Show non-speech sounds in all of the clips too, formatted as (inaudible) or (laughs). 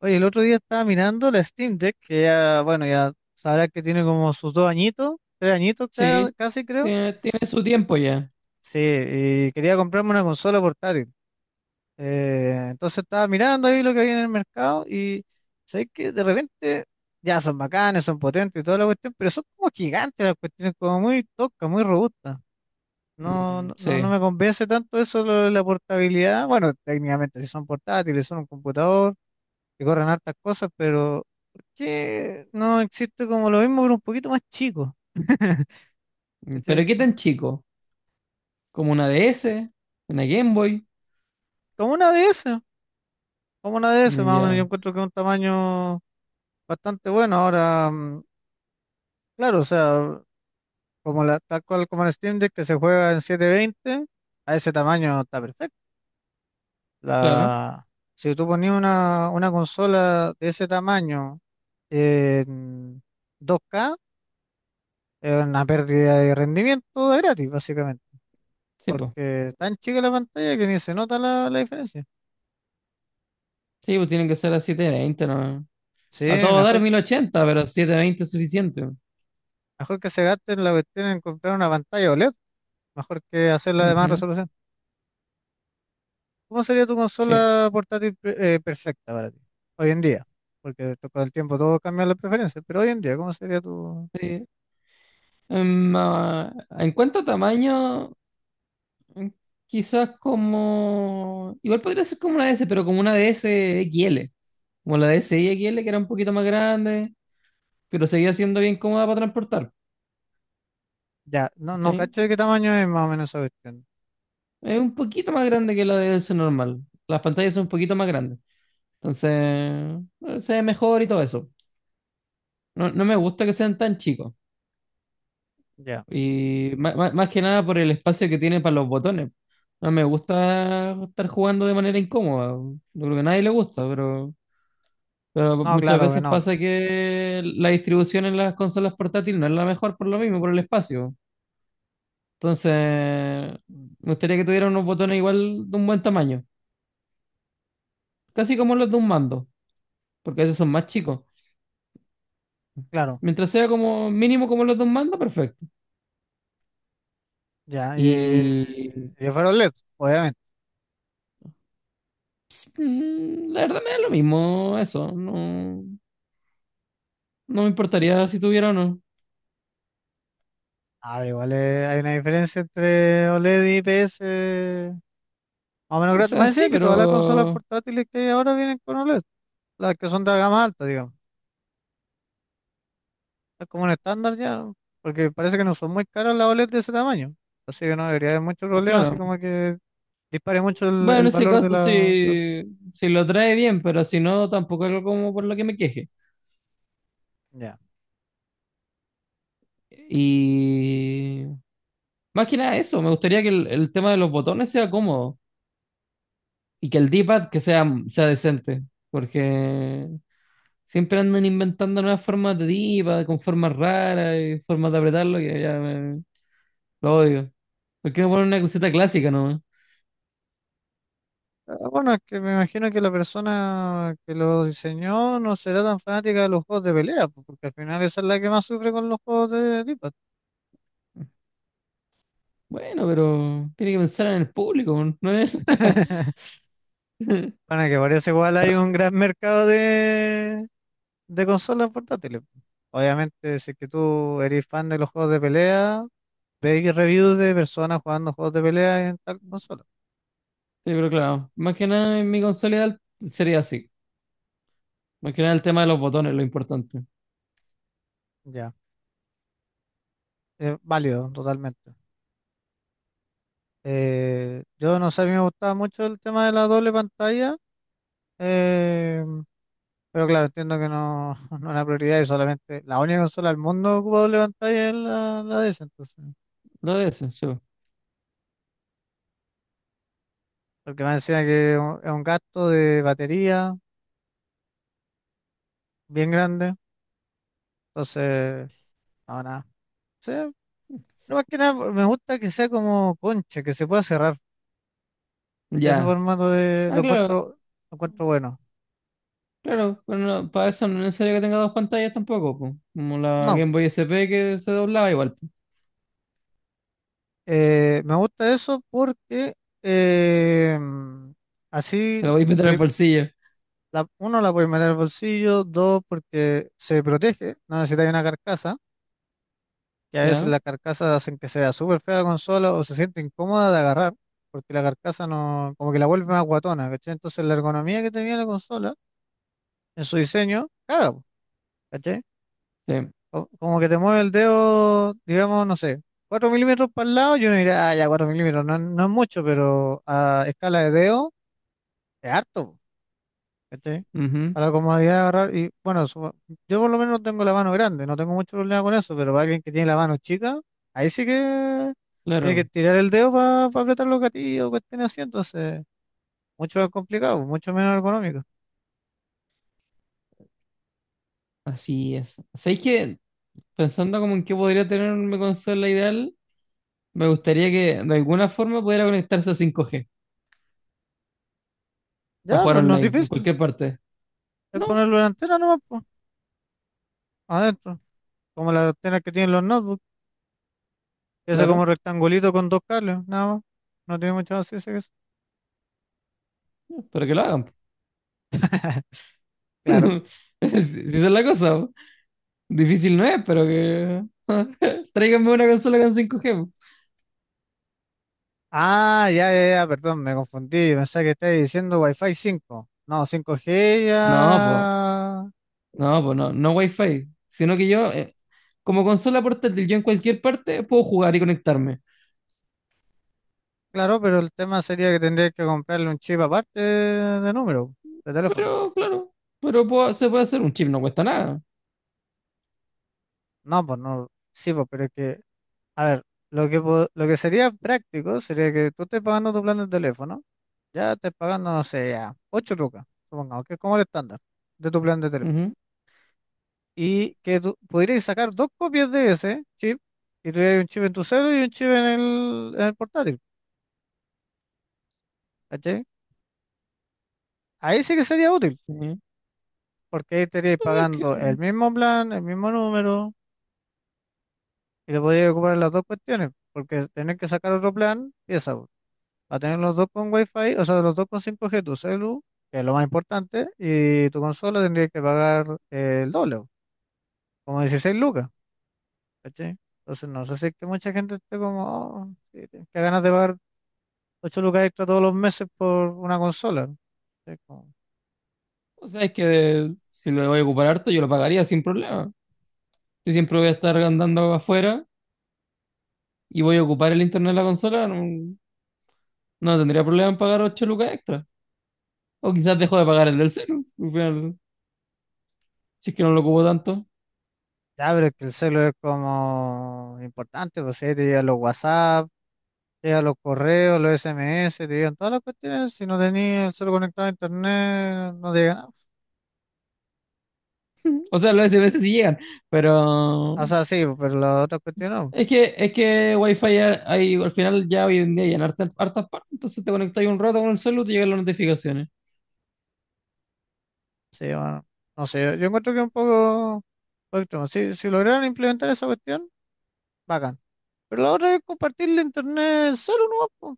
Oye, el otro día estaba mirando la Steam Deck, que ya, bueno, ya sabrás que tiene como sus dos añitos, tres añitos Sí, casi creo. tiene su Y- tiempo ya. Sí, y quería comprarme una consola portátil. Entonces estaba mirando ahí lo que había en el mercado y sé que de repente ya son bacanes, son potentes y toda la cuestión, pero son como gigantes las cuestiones, como muy toscas, muy robustas. No, Mm, no, no sí. me convence tanto eso lo de la portabilidad. Bueno, técnicamente si son portátiles, son un computador que corren hartas cosas, pero ¿por qué no existe como lo mismo, pero un poquito más chico? (laughs) Pero ¿Cachai? ¿qué tan chico? ¿Como una DS? ¿Una Game Boy? Como una DS, como una DS, Mm, más o menos, yo ya, encuentro que es un tamaño bastante bueno. Ahora, claro, o sea, tal cual como el Steam Deck que se juega en 720, a ese tamaño está perfecto. claro. La, si tú ponías una consola de ese tamaño en 2K, es una pérdida de rendimiento de gratis, básicamente. Sí, pues. Porque es tan chica la pantalla que ni se nota la diferencia. Sí, pues tienen que ser a 720, ¿no? Sí, A todo dar mejor, 1080, pero 720 es suficiente. mejor que se gasten la cuestión en comprar una pantalla OLED, mejor que hacerla de más Ujú. resolución. ¿Cómo sería tu Sí. consola portátil perfecta para ti? Hoy en día, porque con el tiempo todo cambia las preferencias, pero hoy en día, ¿cómo sería tu...? Sí. Em, ah, en cuanto a tamaño, mm, quizás como igual podría ser como una DS, pero como una DS XL. Como la DSi XL, que era un poquito más grande, pero seguía siendo bien cómoda para transportar. Ya, no, no Sí. cacho de qué tamaño es más o menos esa cuestión. Es un poquito más grande que la de ese normal. Las pantallas son un poquito más grandes. Entonces, se ve mejor y todo eso. No, no me gusta que sean tan chicos. Ya, Y más que nada por el espacio que tiene para los botones. No me gusta estar jugando de manera incómoda. Yo creo que a nadie le gusta, pero no, muchas claro que veces no, pasa que la distribución en las consolas portátiles no es la mejor por lo mismo, por el espacio. Entonces, me gustaría que tuviera unos botones igual de un buen tamaño. Casi como los de un mando, porque a veces son más chicos. claro, Mientras sea como mínimo como los dos mandos, perfecto. ya, y, Y y fuera OLED, obviamente. La verdad me da lo mismo eso, no, no me importaría si tuviera o no. Ah, pero igual hay una diferencia entre OLED y IPS. Más o menos O gratis. sea, Más sí, decían que todas las consolas pero portátiles que hay ahora vienen con OLED, las que son de gama alta, digamos. Es como un estándar ya, porque parece que no son muy caras las OLED de ese tamaño. Así que no debería haber mucho problema, así claro. como que dispare mucho el, Bueno, en el ese valor de caso la... sí, si lo trae bien, pero si no, tampoco es algo como por lo que me queje. Ya. Y más que nada eso, me gustaría que el tema de los botones sea cómodo, y que el D-pad que sea decente, porque siempre andan inventando nuevas formas de diva, con formas raras y formas de apretarlo, que ya lo odio. ¿Por qué no ponen una cosita clásica nomás? Ah, bueno, es que me imagino que la persona que lo diseñó no será tan fanática de los juegos de pelea, pues, porque al final esa es la que más sufre con los juegos de tipo. Bueno, pero tiene que pensar en el público, ¿no es? (laughs) (laughs) Bueno, que parece igual hay un gran mercado de consolas portátiles. Obviamente, si es que tú eres fan de los juegos de pelea, veis reviews de personas jugando juegos de pelea en tal consola. Sí, pero claro, más que nada en mi consola ideal sería así. Más que nada el tema de los botones, lo importante. Ya, válido, totalmente. Yo no sé, a mí me gustaba mucho el tema de la doble pantalla, eh, pero claro, entiendo que no, (laughs) no es una prioridad y solamente la única consola del mundo que ocupa doble pantalla es la DS, entonces. Lo de eso, sí. Porque me decía que es un gasto de batería bien grande, entonces, no, nada. Sí, no, más que nada, me gusta que sea como concha, que se pueda cerrar. Ese Ya. formato de, Ah, lo claro, encuentro, lo encuentro bueno. claro. Pero no, para eso no es necesario que tenga dos pantallas tampoco, po. Como la No, Game Boy S P, que se doblaba igual, po. Me gusta eso porque eh, Te así, la voy a meter al pri- bolsillo. Uno, la puede meter al bolsillo, dos, porque se protege, no necesita una carcasa, que a veces Ya. las carcasas hacen que sea súper fea la consola o se siente incómoda de agarrar, porque la carcasa no, como que la vuelve más guatona, ¿cachai? Entonces la ergonomía que tenía la consola en su diseño, caga, po, ¿cachai? Sí. Como que te mueve el dedo, digamos, no sé, 4 milímetros para el lado, yo uno diría, ah, ya 4 milímetros, no, no es mucho, pero a escala de dedo es harto, po, ¿cachai? Ujú. Para la comodidad de agarrar, y bueno, yo por lo menos tengo la mano grande, no tengo mucho problema con eso, pero para alguien que tiene la mano chica, ahí sí que tiene Claro. que tirar el dedo para apretar los gatillos, cuestiones así, entonces, mucho más complicado, mucho menos ergonómico. Así es. ¿Sabéis que, pensando como en qué podría tener una consola ideal, me gustaría que de alguna forma pudiera conectarse a 5G para Ya, jugar pero no es online en difícil, cualquier parte? es No, ponerlo en la antena nomás, po, adentro, como las antenas que tienen los notebooks. Eso claro, como rectangulito con dos cables, nada más. No tiene mucho más ciencia que eso. pero que lo hagan, po. (laughs) Claro. (laughs) Si esa es la cosa, po. Difícil no es, pero que (laughs) tráiganme una consola con 5G, po. Ah, ya, ya, ya, perdón, me confundí. Yo pensaba que estabas diciendo Wi-Fi 5. No, 5G No, pues, ya. no, pues no, no Wi-Fi, sino que yo como consola portátil yo en cualquier parte puedo jugar y conectarme. Claro, pero el tema sería que tendrías que comprarle un chip aparte de número, de teléfono. Pero claro, pero se puede hacer un chip, no cuesta nada. No, pues no. Sí, pues, pero es que, a ver, lo que, lo que sería práctico sería que tú estés pagando tu plan de teléfono. Ya estés pagando, no sé, ya, 8 lucas, supongamos, que es como el estándar de tu plan de teléfono. Ujú. Y que tú podrías sacar dos copias de ese chip y tuvieras un chip en tu celular y un chip en el portátil. ¿Cachai? Ahí sí que sería útil, porque ahí estarías pagando el Sí. mismo plan, el mismo número y le podrías ocupar las dos cuestiones, porque tener que sacar otro plan, pieza, va a tener los dos con Wi-Fi, o sea, los dos con 5G tu celu, que es lo más importante, y tu consola tendría que pagar el doble, como 16 lucas, ¿cachai? Entonces, no sé si es que mucha gente esté como, oh, sí, que ganas de pagar 8 lucas extra todos los meses por una consola. Es como, O sea, es que si lo voy a ocupar harto, yo lo pagaría sin problema. Si siempre voy a estar andando afuera y voy a ocupar el internet de la consola, no no tendría problema en pagar 8 lucas extra. O quizás dejo de pagar el del celu, al final, si es que no lo ocupo tanto. ya, pero es que el celo es como importante, pues ahí te llegan los WhatsApp, te llegan los correos, los SMS, te llegan todas las cuestiones. Si no tenías el celo conectado a internet, no te llega nada. O sea, las veces sí llegan, O pero sea, sí, pero las otras cuestiones no. es que Wi-Fi ya hay, al final ya hoy en día hay en hartas, hartas partes, entonces te conectas un rato con el celu y te llegan las notificaciones. Sí, bueno, no sé, yo encuentro que es un poco extremo. Si lograron implementar esa cuestión, bacán. Pero la otra es compartir la internet solo, ¿no?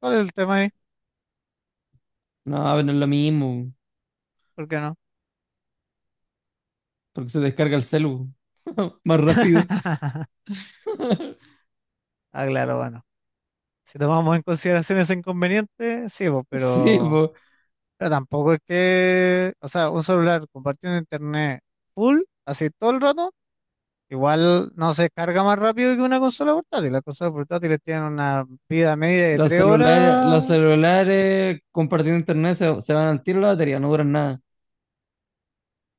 ¿Cuál es el tema ahí? No, pero no es lo mismo, ¿Por qué no? porque se descarga el celu (laughs) más rápido. (laughs) Ah, claro, bueno. Si tomamos en consideración ese inconveniente, sí, pues, Sí, po. pero tampoco es que, o sea, un celular compartiendo internet full, así todo el rato, igual no se carga más rápido que una consola portátil. Las consolas portátiles tienen una vida media de Los tres celulares, horas, los celulares compartiendo internet se van al tiro la batería, no duran nada.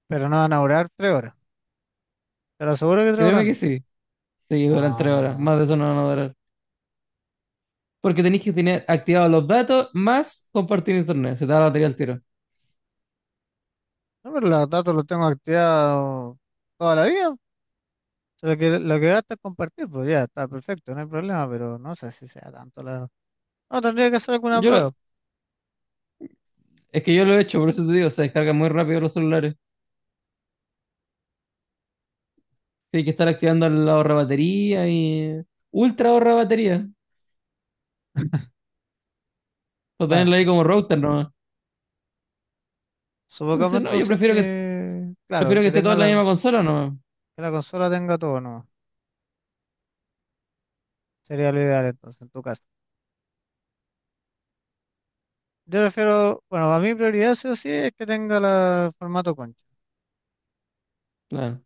pero no van a durar 3 horas. Te lo aseguro que 3 horas Créeme que no. sí. Sí, duran No, no, 3 horas. no. No, Más de eso no van a durar. Porque tenéis que tener activados los datos más compartir internet. Se te va la batería al tiro. no, pero los datos los tengo activados toda la vida. O sea, lo que gasta es compartir, pues ya está perfecto, no hay problema, pero no sé si sea tanto, la verdad. No, tendría que hacer alguna Yo lo- prueba. es que yo lo he hecho, por eso te digo, se descargan muy rápido los celulares. Sí, hay que estar activando la ahorra batería y ultra ahorra batería. O Bueno. tenerlo ahí como router nomás. Supongamos Entonces, no, yo entonces prefiero que que, claro, prefiero que esté toda en la misma consola nomás. que la consola tenga todo nomás. Sería lo ideal entonces, en tu caso. Yo prefiero, bueno, a mi prioridad sí o sí es que tenga el formato concha, Claro.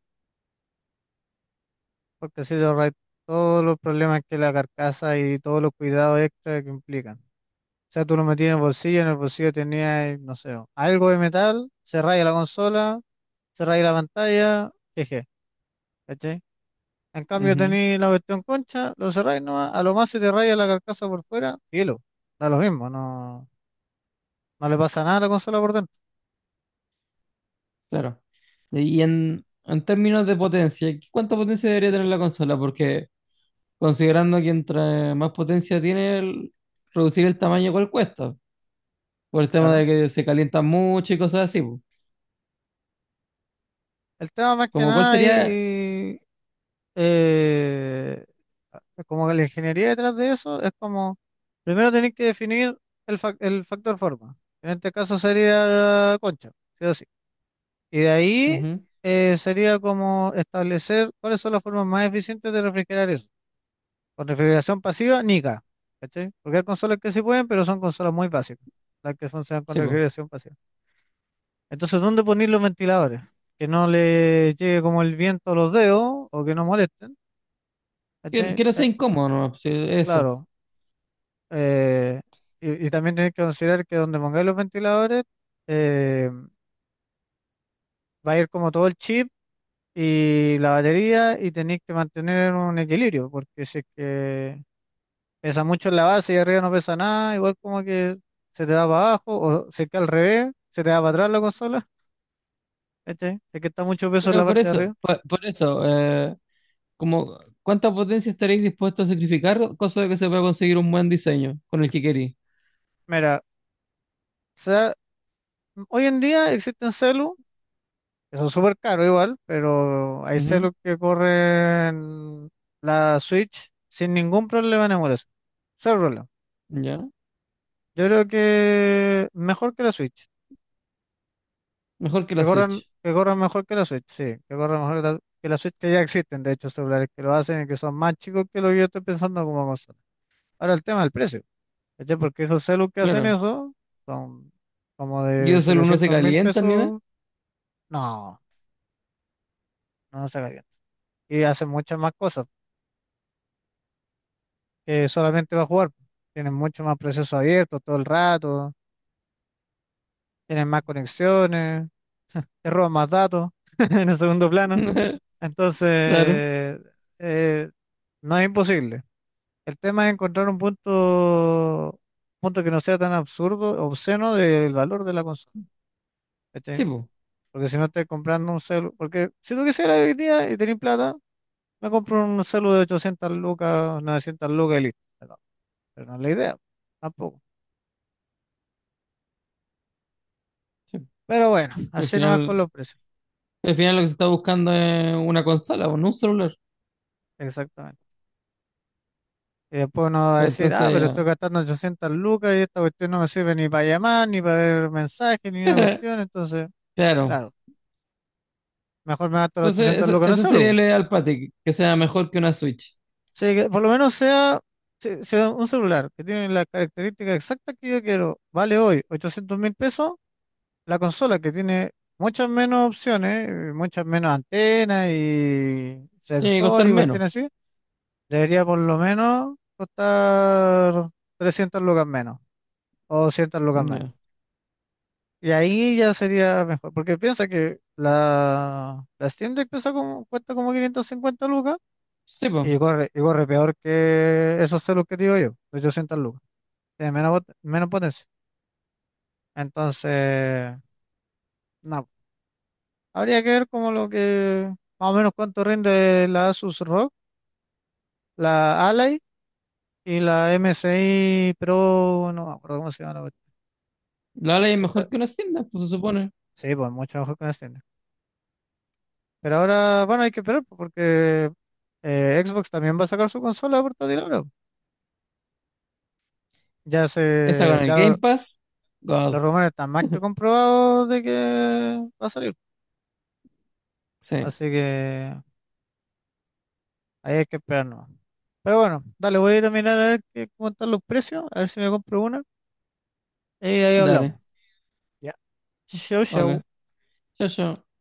porque así te ahorras todos los problemas que la carcasa y todos los cuidados extra que implican. O sea, tú lo metías en el bolsillo tenías, no sé, algo de metal, se raya la consola, se raya la pantalla, jeje, ¿cachai? En cambio Ujú. tenéis la cuestión concha, lo cerráis nomás, a lo más se te raya la carcasa por fuera, cielo, da lo mismo, no, no le pasa nada a la consola por dentro, Claro. Y en términos de potencia, ¿cuánta potencia debería tener la consola? Porque considerando que entre más potencia tiene, reducir el tamaño igual cuesta. Por el tema claro. de que se calientan mucho y cosas así, po. El tema más que Como cuál nada sería. ahí, eh, como que la ingeniería detrás de eso es como, primero tenéis que definir el factor forma, en este caso sería concha, sí o sí. Y de ahí Ujú, sería como establecer cuáles son las formas más eficientes de refrigerar eso. Con refrigeración pasiva, nica, ¿cachai? Porque hay consolas que sí pueden, pero son consolas muy básicas, las que funcionan con sí, po. refrigeración pasiva. Entonces, ¿dónde poner los ventiladores? Que no le llegue como el viento a los dedos o que no molesten. Que, ¿Cachai? que no sea incómodo, ¿no? Sí, eso. Claro. eh, y también tenés que considerar que donde pongáis los ventiladores eh, va a ir como todo el chip y la batería y tenéis que mantener un equilibrio, porque si es que pesa mucho en la base y arriba no pesa nada, igual como que se te va para abajo, o se queda al revés, se te va para atrás la consola, ¿cachai? Se que está mucho peso en Pero la por parte de eso, arriba. Por eso, como, ¿cuánta potencia estaréis dispuestos a sacrificar? Cosa de que se pueda conseguir un buen diseño con el que queréis. Mira, o sea, hoy en día existen celu, que son súper caros igual, pero hay celu que corren la Switch sin ningún problema en emulación. Cero problema. Ujú, ya. Yo creo que mejor que la Switch. Mejor que Que la corran, Switch. que corran mejor que la Switch, sí, que corran mejor que la Switch, que ya existen, de hecho, celulares que lo hacen y que son más chicos que lo que yo estoy pensando como consola. Ahora el tema del precio, ¿cachai? Porque esos celus que hacen Claro. eso son como Y de esos alumnos se setecientos mil calienta ni nada. pesos, no, no se calienta. Y hacen muchas más cosas que solamente va a jugar. Tienen mucho más proceso abierto todo el rato, tienen más conexiones, (laughs) te roban más datos (laughs) en el segundo plano. (laughs) Claro. Entonces, eh, no es imposible. El tema es encontrar un punto que no sea tan absurdo, obsceno del valor de la consola, ¿cachai? Sí, pues. Porque si no estás comprando un celu, porque si tú quisieras hoy día y tenés plata, me compro un celu de 800 lucas, 900 lucas y listo. Pero no es la idea, tampoco. Pero bueno, Al así nomás con final, los precios, al final lo que se está buscando es una consola, o no un celular. exactamente. Y después uno va a decir, ah, pero Entonces, estoy gastando 800 lucas y esta cuestión no me sirve ni para llamar, ni para ver mensajes, ni una ya. cuestión, entonces, (laughs) Claro. claro, mejor me gasto los Entonces, 800 eso, lucas en un eso sería celu. el ideal para ti, que sea mejor que una Switch. Sí, que por lo menos sea, sea un celular que tiene la característica exacta que yo quiero. Vale hoy 800.000 pesos. La consola que tiene muchas menos opciones, muchas menos antenas y Tiene que costar sensores y menos. cuestiones así, debería por lo menos costar 300 lucas menos o 200 lucas menos. Ya. Y ahí ya sería mejor, porque piensa que la Steam Deck pesa como, cuesta como 550 lucas Sí, pues. y corre peor que esos celos que te digo yo, 800 lucas. Tiene menos, menos potencia. Entonces, no. Habría que ver como lo que, más o menos cuánto rinde la Asus ROG, la Ally y la MSI Pro, no me acuerdo cómo se llama la cuestión. La ley es Esa- mejor que una Steam Deck, pues se supone. Sí, pues mucho mejor con una Steam Deck. Pero ahora, bueno, hay que esperar pues, porque Xbox también va a sacar su consola portátil ahora. Ya Esa con se, el ya lo- Game Pass. los God. rumores están más que comprobados de que va a salir. Sí. Así que ahí hay que esperar nomás. Pero bueno, dale, voy a ir a mirar a ver qué, cómo están los precios, a ver si me compro una. Y ahí Dale. hablamos. Ya. Chau, Ok. chau. Chao, chao.